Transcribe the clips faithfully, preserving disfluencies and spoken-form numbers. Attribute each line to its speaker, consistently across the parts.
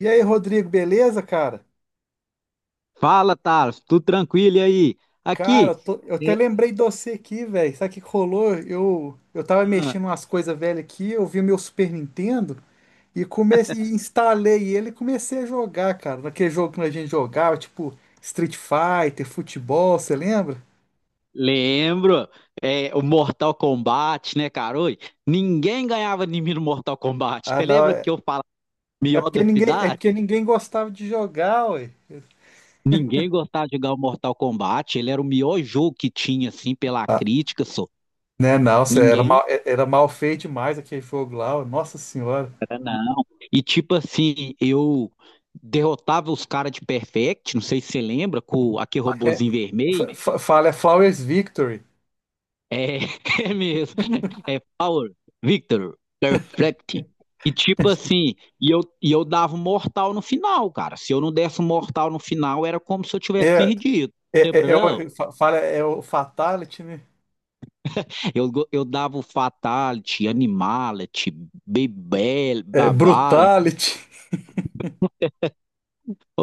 Speaker 1: E aí, Rodrigo, beleza, cara?
Speaker 2: Fala, Thales, tudo tranquilo e aí?
Speaker 1: Cara, eu,
Speaker 2: Aqui,
Speaker 1: tô- eu até
Speaker 2: é,
Speaker 1: lembrei de você aqui, velho. Sabe o que que rolou? Eu, eu tava
Speaker 2: ah,
Speaker 1: mexendo umas coisas velhas aqui, eu vi o meu Super Nintendo e comecei, e instalei ele e comecei a jogar, cara. Naquele jogo que a gente jogava, tipo Street Fighter, futebol, você lembra?
Speaker 2: lembro. É o Mortal Kombat, né, cara? Oi, ninguém ganhava de mim no Mortal Kombat.
Speaker 1: Ah,
Speaker 2: Você
Speaker 1: não,
Speaker 2: lembra que
Speaker 1: é,
Speaker 2: eu falava
Speaker 1: é
Speaker 2: mió
Speaker 1: porque
Speaker 2: da
Speaker 1: ninguém, é
Speaker 2: cidade?
Speaker 1: porque ninguém gostava de jogar, ué.
Speaker 2: Ninguém gostava de jogar o Mortal Kombat, ele era o melhor jogo que tinha, assim, pela
Speaker 1: Ah,
Speaker 2: crítica, só.
Speaker 1: né, não, cê era
Speaker 2: Ninguém
Speaker 1: mal, é- era mal feito demais aquele jogo lá, ó, nossa senhora.
Speaker 2: era, não. E tipo assim, eu derrotava os caras de Perfect, não sei se você lembra, com aquele
Speaker 1: É,
Speaker 2: robozinho vermelho.
Speaker 1: fa- fa- fala, é Flowers Victory.
Speaker 2: É, é mesmo. É Power, Victor, Perfect. E tipo assim, e eu, e eu dava um mortal no final, cara. Se eu não desse um mortal no final, era como se eu tivesse
Speaker 1: É,
Speaker 2: perdido.
Speaker 1: É,
Speaker 2: Lembra,
Speaker 1: é, é,
Speaker 2: não?
Speaker 1: o, fa- fala, é o Fatality, né?
Speaker 2: Eu, go- eu dava o Fatality, Animality, Bebel,
Speaker 1: É
Speaker 2: Babality.
Speaker 1: Brutality.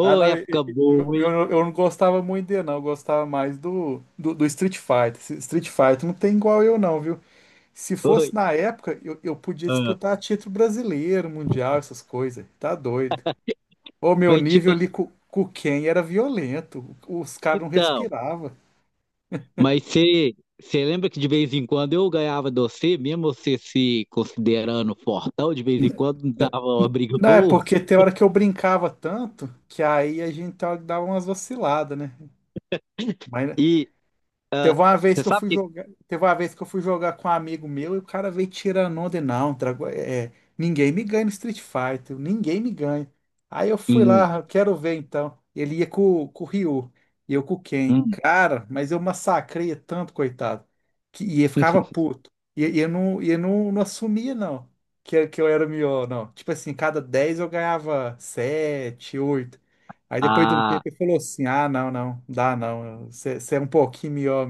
Speaker 1: Ah, não, eu,
Speaker 2: época
Speaker 1: eu-
Speaker 2: boa, hein?
Speaker 1: eu- eu não gostava muito dele, não. Eu gostava mais do, do, do Street Fighter. Esse Street Fighter não tem igual eu, não, viu? Se fosse
Speaker 2: Foi.
Speaker 1: na época, eu, eu podia
Speaker 2: Ah,
Speaker 1: disputar título brasileiro, mundial, essas coisas. Tá doido. O meu
Speaker 2: Mas tipo
Speaker 1: nível ali
Speaker 2: assim,
Speaker 1: com, com quem era violento. Os caras não
Speaker 2: então.
Speaker 1: respiravam.
Speaker 2: Mas você você lembra que de vez em quando eu ganhava de você, mesmo você se considerando fortão, de vez em quando dava uma briga
Speaker 1: Não, é
Speaker 2: boa.
Speaker 1: porque tem hora que eu brincava tanto que aí a gente tava- dava umas vaciladas, né? Mas
Speaker 2: E ah,
Speaker 1: teve uma vez
Speaker 2: você
Speaker 1: que eu
Speaker 2: sabe
Speaker 1: fui
Speaker 2: que.
Speaker 1: jogar, teve uma vez que eu fui jogar com um amigo meu e o cara veio tirando onda e não, Drago- é, é, ninguém me ganha no Street Fighter, ninguém me ganha. Aí eu fui
Speaker 2: Hum,
Speaker 1: lá, "Ah, quero ver então." Ele ia com, com o Ryu e eu com o Ken.
Speaker 2: hum.
Speaker 1: Cara, mas eu massacrei tanto, coitado, que e ele ficava puto. E, e eu não, e eu não, não assumia não, que, que eu era o melhor, não. Tipo assim, cada dez eu ganhava sete, oito. Aí depois de um tempo
Speaker 2: ah,
Speaker 1: ele falou assim: "Ah, não, não, dá não, você é um pouquinho melhor."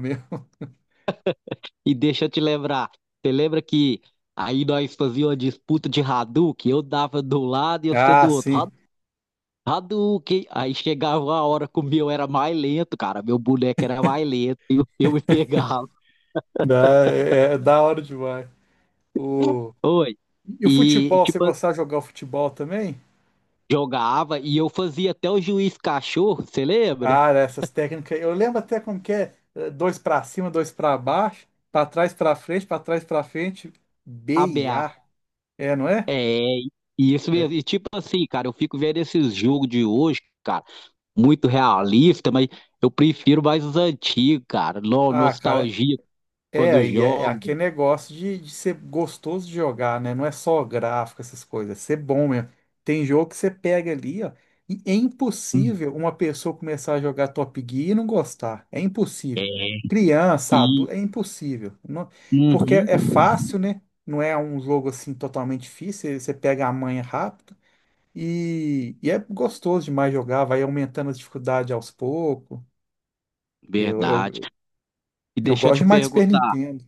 Speaker 2: e deixa eu te lembrar. Você lembra que aí nós fazíamos uma disputa de Hadouken? Eu dava do lado e você
Speaker 1: Ah,
Speaker 2: do outro. Ha-
Speaker 1: sim.
Speaker 2: Hadouken! Aí chegava a hora que o meu era mais lento, cara. Meu boneco era mais lento e eu, eu me pegava.
Speaker 1: Dá, é, é da hora demais. O...
Speaker 2: Oi.
Speaker 1: E o
Speaker 2: E
Speaker 1: futebol, você
Speaker 2: tipo,
Speaker 1: gostava de jogar o futebol também?
Speaker 2: jogava e eu fazia até o juiz cachorro, você lembra?
Speaker 1: Ah, essas técnicas. Eu lembro até como que é eh, dois pra cima, dois pra baixo, pra trás, pra frente, pra trás, pra frente. B e
Speaker 2: A B A.
Speaker 1: A. É, não é?
Speaker 2: É, e isso
Speaker 1: É.
Speaker 2: mesmo. E tipo assim, cara, eu fico vendo esses jogos de hoje, cara, muito realista, mas eu prefiro mais os antigos, cara. No-
Speaker 1: Ah, cara.
Speaker 2: nostalgia quando
Speaker 1: É, e é,
Speaker 2: jogo.
Speaker 1: aqui é negócio de, de ser gostoso de jogar, né? Não é só gráfico, essas coisas, é ser bom mesmo. Tem jogo que você pega ali, ó, e é
Speaker 2: Hum.
Speaker 1: impossível uma pessoa começar a jogar Top Gear e não gostar. É impossível.
Speaker 2: É.
Speaker 1: Criança,
Speaker 2: E
Speaker 1: adulto, é impossível. Não- porque
Speaker 2: uhum,
Speaker 1: é é fácil, né? Não é um jogo assim totalmente difícil, você pega a manha rápido e, e é gostoso demais jogar, vai aumentando as dificuldades aos poucos. Eu,
Speaker 2: verdade.
Speaker 1: eu,
Speaker 2: E
Speaker 1: eu
Speaker 2: deixa eu
Speaker 1: gosto
Speaker 2: te
Speaker 1: demais de Super
Speaker 2: perguntar.
Speaker 1: Nintendo.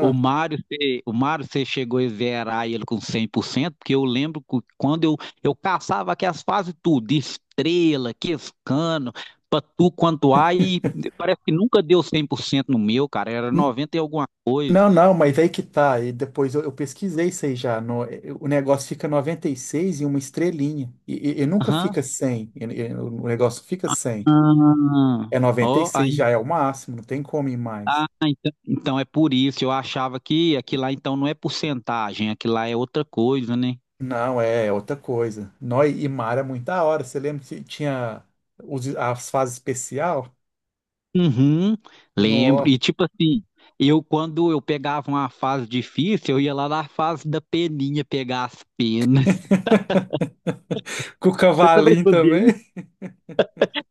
Speaker 2: O Mário, você- o Mário, você chegou a zerar ele com cem por cento? Porque eu lembro que quando eu, eu caçava aqui as fases tudo, estrela, quescano, patu, quanto há, e parece que nunca deu cem por cento no meu, cara, era noventa e alguma coisa.
Speaker 1: Não, não, mas aí que tá. E depois eu, eu pesquisei isso aí já. No- eh, o negócio fica noventa e seis e uma estrelinha. E, e- e nunca
Speaker 2: Aham.
Speaker 1: fica cem. E- e o negócio fica cem.
Speaker 2: Ah,
Speaker 1: É, noventa e
Speaker 2: ó,
Speaker 1: seis
Speaker 2: aí.
Speaker 1: já é o máximo, não tem como ir
Speaker 2: Ah,
Speaker 1: mais.
Speaker 2: então, então é por isso, eu achava que aquilo lá então não é porcentagem, aquilo lá é outra coisa, né?
Speaker 1: Não, é, é outra coisa. Nó, e e mar é muito da hora. Você lembra que tinha os- as fases especial?
Speaker 2: Uhum, lembro.
Speaker 1: No,
Speaker 2: E tipo assim, eu quando eu pegava uma fase difícil, eu ia lá na fase da peninha pegar as penas.
Speaker 1: com o
Speaker 2: Você também
Speaker 1: cavalinho
Speaker 2: fazia
Speaker 1: também.
Speaker 2: isso?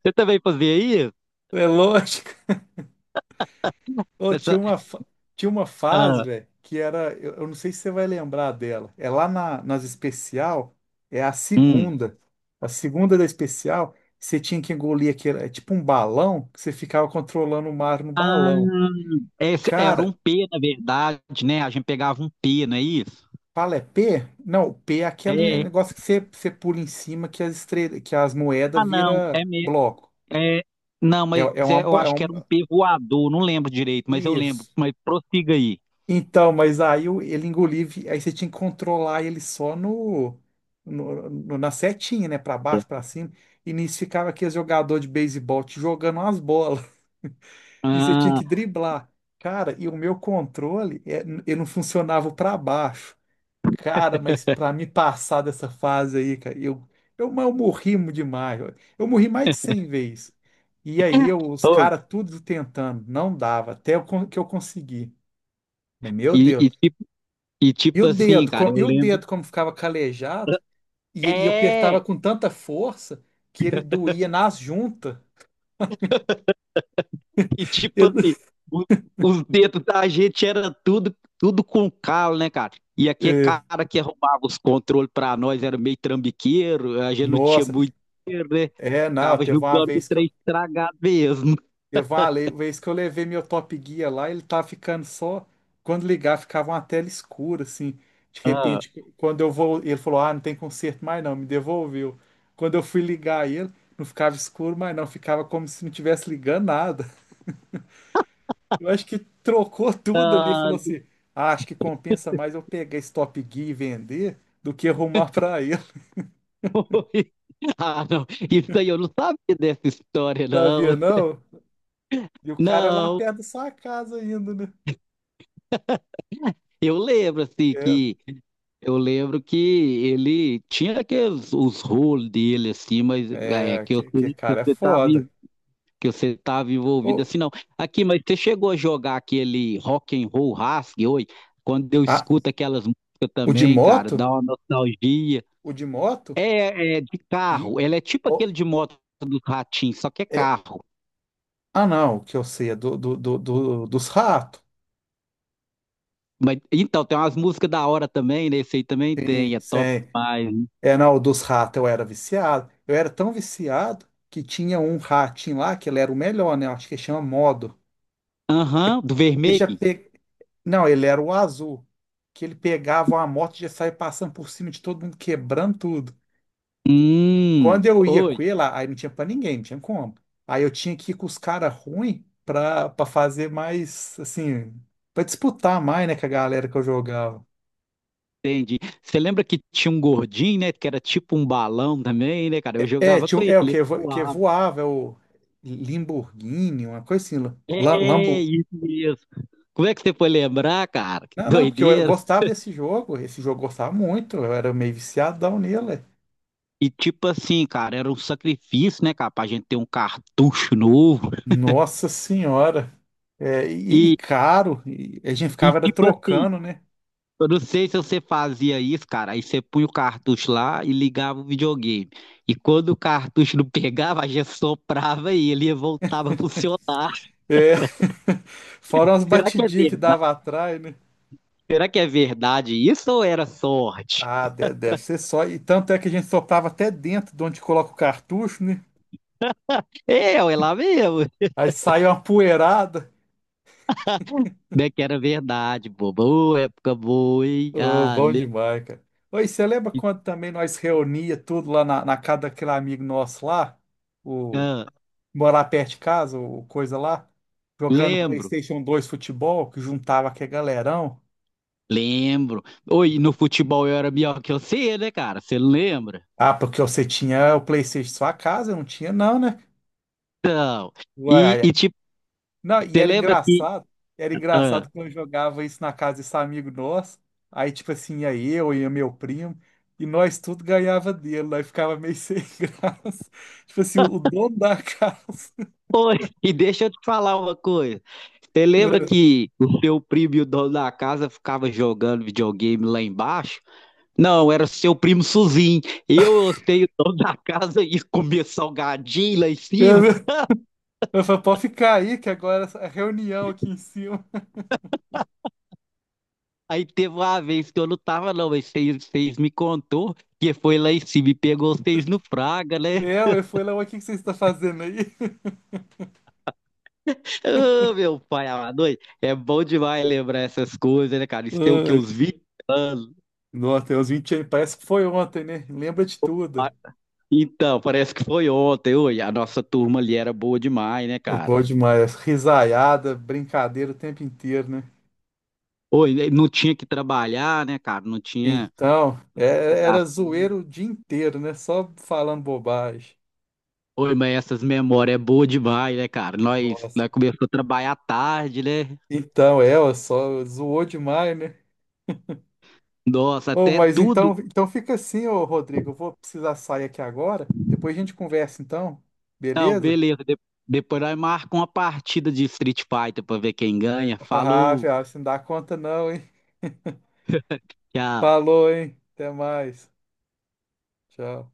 Speaker 2: Você também fazia isso?
Speaker 1: É louco. Ô, tinha
Speaker 2: Essa...
Speaker 1: uma, fa- tinha uma fase,
Speaker 2: Ah,
Speaker 1: velho, que era. Eu, eu não sei se você vai lembrar dela. É lá na- nas especial, é a
Speaker 2: hum.
Speaker 1: segunda. A segunda da especial, você tinha que engolir aquele. É tipo um balão, que você ficava controlando o mar no balão.
Speaker 2: Hum, esse era um
Speaker 1: Cara,
Speaker 2: P, na verdade, né? A gente pegava um P, não é isso?
Speaker 1: fala é P? Não, P é aquele
Speaker 2: É,
Speaker 1: negócio que você, você pula em cima que as estrelas, que as moedas vira
Speaker 2: é mesmo.
Speaker 1: bloco.
Speaker 2: É... Não,
Speaker 1: É,
Speaker 2: mas
Speaker 1: é uma.
Speaker 2: é, eu
Speaker 1: bo- É
Speaker 2: acho que
Speaker 1: um,
Speaker 2: era um P voador, não lembro direito, mas eu lembro.
Speaker 1: isso.
Speaker 2: Mas prossiga aí.
Speaker 1: Então, mas aí o- ele engoliu, vi- aí você tinha que controlar ele só no, no- no- na setinha, né? Pra baixo, pra cima. E nisso ficava aquele jogador de beisebol te jogando umas bolas. E você tinha
Speaker 2: Ah,
Speaker 1: que driblar. Cara, e o meu controle, é, n- eu não funcionava pra baixo. Cara, mas pra me passar dessa fase aí, cara, eu, eu, mas eu morri demais, ó. Eu morri mais de cem vezes. E aí eu- os
Speaker 2: oi.
Speaker 1: caras tudo tentando, não dava, até eu con- que eu consegui. Mas, meu
Speaker 2: E, e
Speaker 1: Deus.
Speaker 2: tipo, e
Speaker 1: E
Speaker 2: tipo
Speaker 1: o
Speaker 2: assim,
Speaker 1: dedo,
Speaker 2: cara,
Speaker 1: co-
Speaker 2: eu
Speaker 1: e o
Speaker 2: lembro.
Speaker 1: dedo como ficava calejado, e, e eu apertava
Speaker 2: É!
Speaker 1: com tanta força que ele doía nas juntas.
Speaker 2: E tipo
Speaker 1: Eu-
Speaker 2: assim, o- os dedos da gente era tudo, tudo com calo, né, cara? E aquele
Speaker 1: é,
Speaker 2: cara que arrumava os controles pra nós era meio trambiqueiro, a gente não tinha
Speaker 1: nossa,
Speaker 2: muito dinheiro, né?
Speaker 1: é, não,
Speaker 2: Ficava
Speaker 1: teve uma
Speaker 2: julgando o
Speaker 1: vez que
Speaker 2: trem
Speaker 1: eu,
Speaker 2: estragado mesmo.
Speaker 1: teve uma le- vez que eu levei meu Top Gear lá, ele tava ficando só, quando ligar ficava uma tela escura, assim, de
Speaker 2: Ah,
Speaker 1: repente, quando eu vou, ele falou, ah, não tem conserto mais não, me devolveu. Quando eu fui ligar ele, não ficava escuro mais não, ficava como se não tivesse ligando nada. Eu acho que trocou tudo ali, falou assim: "Ah, acho que compensa mais eu pegar esse Top Gear e vender do que arrumar pra ele."
Speaker 2: ah, não. Isso aí eu não sabia dessa história, não.
Speaker 1: Sabia não? E o cara é lá
Speaker 2: Não.
Speaker 1: perto da sua casa ainda, né?
Speaker 2: Eu lembro, assim,
Speaker 1: É,
Speaker 2: que eu lembro que ele tinha aqueles os rolos dele, assim, mas é
Speaker 1: é,
Speaker 2: que eu,
Speaker 1: que, que
Speaker 2: que
Speaker 1: cara é
Speaker 2: você tava
Speaker 1: foda.
Speaker 2: que você estava envolvido
Speaker 1: Ô,
Speaker 2: assim, não. Aqui, mas você chegou a jogar aquele rock and roll rasgue hoje? Quando eu
Speaker 1: ah,
Speaker 2: escuto aquelas músicas
Speaker 1: o de
Speaker 2: também, cara,
Speaker 1: moto?
Speaker 2: dá uma nostalgia.
Speaker 1: O de moto?
Speaker 2: É, é de
Speaker 1: E,
Speaker 2: carro, ela é tipo
Speaker 1: ô,
Speaker 2: aquele de moto do ratinho, só que é
Speaker 1: é,
Speaker 2: carro.
Speaker 1: ah, não, o que eu sei é do, do, do, do- dos ratos.
Speaker 2: Mas, então, tem umas músicas da hora também, né? Esse aí também tem,
Speaker 1: Sim,
Speaker 2: é top
Speaker 1: sim.
Speaker 2: demais, né?
Speaker 1: É, não, dos ratos eu era viciado. Eu era tão viciado que tinha um ratinho lá que ele era o melhor, né? Eu acho que chama Modo.
Speaker 2: Aham, do
Speaker 1: Ele já
Speaker 2: vermelho.
Speaker 1: pe... Não, ele era o azul, que ele pegava uma moto e já saía passando por cima de todo mundo, quebrando tudo.
Speaker 2: Hum,
Speaker 1: Quando eu ia com
Speaker 2: oi,
Speaker 1: ele, aí não tinha pra ninguém, não tinha como. Aí eu tinha que ir com os caras ruins pra, pra fazer mais, assim, pra disputar mais, né, com a galera que eu jogava.
Speaker 2: entendi. Você lembra que tinha um gordinho, né? Que era tipo um balão também, né, cara? Eu
Speaker 1: É,
Speaker 2: jogava
Speaker 1: tinha,
Speaker 2: com
Speaker 1: um-
Speaker 2: ele,
Speaker 1: é o
Speaker 2: ele
Speaker 1: que, vo- que
Speaker 2: voava.
Speaker 1: voava, é o Lamborghini, uma coisa assim, la-
Speaker 2: É,
Speaker 1: Lambo.
Speaker 2: isso mesmo. Como é que você foi lembrar, cara? Que
Speaker 1: Não, não, porque eu, eu
Speaker 2: doideira.
Speaker 1: gostava desse jogo, esse jogo eu gostava muito, eu era meio viciadão nele.
Speaker 2: E tipo assim, cara, era um sacrifício, né, cara, pra gente ter um cartucho novo.
Speaker 1: Nossa senhora. É, e, e
Speaker 2: E,
Speaker 1: caro. E a gente
Speaker 2: e
Speaker 1: ficava era
Speaker 2: tipo assim,
Speaker 1: trocando, né?
Speaker 2: eu não sei se você fazia isso, cara. Aí você punha o cartucho lá e ligava o videogame. E quando o cartucho não pegava, a gente soprava e ele voltava a funcionar.
Speaker 1: É. Fora umas
Speaker 2: Será que é
Speaker 1: batidinhas que
Speaker 2: verdade?
Speaker 1: dava atrás, né?
Speaker 2: Será que é verdade isso ou era sorte?
Speaker 1: Ah, de- deve ser só. E tanto é que a gente soprava até dentro de onde coloca o cartucho, né?
Speaker 2: É, é lá mesmo.
Speaker 1: Aí saiu uma poeirada.
Speaker 2: Né, que era verdade, boba. Ô, época boa, hein?
Speaker 1: Ô,
Speaker 2: Ah,
Speaker 1: bom
Speaker 2: le-
Speaker 1: demais, cara. Oi, você lembra quando também nós reunia tudo lá na, na casa daquele amigo nosso lá? O
Speaker 2: ah,
Speaker 1: morar perto de casa, o coisa lá? Jogando
Speaker 2: lembro.
Speaker 1: PlayStation dois futebol, que juntava aquele galerão.
Speaker 2: Lembro. Oi, no futebol eu era melhor que você, né, cara? Você lembra?
Speaker 1: Ah, porque você tinha o PlayStation em sua casa, eu não tinha, não, né?
Speaker 2: Então, e,
Speaker 1: Uai,
Speaker 2: e
Speaker 1: ai.
Speaker 2: tipo,
Speaker 1: Não, e
Speaker 2: você
Speaker 1: era
Speaker 2: lembra que.
Speaker 1: engraçado. Era
Speaker 2: Ah,
Speaker 1: engraçado quando eu jogava isso na casa desse amigo nosso. Aí, tipo assim, ia eu e meu primo, e nós tudo ganhava dele. Nós ficava meio sem graça. Tipo assim, o dono da casa.
Speaker 2: oi, e deixa eu te falar uma coisa. Você lembra
Speaker 1: É,
Speaker 2: que o seu primo e o dono da casa ficava jogando videogame lá embaixo? Não, era seu primo Suzinho. Eu hostei o dono da casa e comia salgadinho lá em
Speaker 1: Eu,
Speaker 2: cima.
Speaker 1: eu falei, pode ficar aí, que agora é reunião aqui em cima.
Speaker 2: Aí teve uma vez que eu não tava, não, mas vocês, vocês me contou que foi lá em cima e pegou vocês no Fraga, né?
Speaker 1: Eu, eu fui lá, "Ué, o que que você está fazendo aí?"
Speaker 2: Ô, meu pai amado, oi, é bom demais lembrar essas coisas, né, cara? Isso tem o que,
Speaker 1: Ai,
Speaker 2: uns vinte anos?
Speaker 1: nossa, tem uns vinte anos, parece que foi ontem, né? Lembra de tudo.
Speaker 2: Ah, então, parece que foi ontem, oi, a nossa turma ali era boa demais, né,
Speaker 1: É
Speaker 2: cara?
Speaker 1: bom demais. Risaiada, brincadeira o tempo inteiro, né?
Speaker 2: Oi, não tinha que trabalhar, né, cara? Não tinha
Speaker 1: Então, é- era
Speaker 2: obrigação.
Speaker 1: zoeiro o dia inteiro, né? Só falando bobagem.
Speaker 2: Oi, mas essas memórias é boa demais, né, cara? Nós,
Speaker 1: Nossa.
Speaker 2: nós começamos a trabalhar tarde, né?
Speaker 1: Então, é, ó, só zoou demais, né?
Speaker 2: Nossa,
Speaker 1: Oh,
Speaker 2: até
Speaker 1: mas
Speaker 2: tudo.
Speaker 1: então, então fica assim, ô Rodrigo. Eu vou precisar sair aqui agora. Depois a gente conversa, então.
Speaker 2: Não,
Speaker 1: Beleza?
Speaker 2: beleza. De- depois nós marcamos uma partida de Street Fighter pra ver quem ganha.
Speaker 1: Ah,
Speaker 2: Falou,
Speaker 1: velho, você não dá conta não, hein?
Speaker 2: tchau.
Speaker 1: Falou, hein? Até mais. Tchau.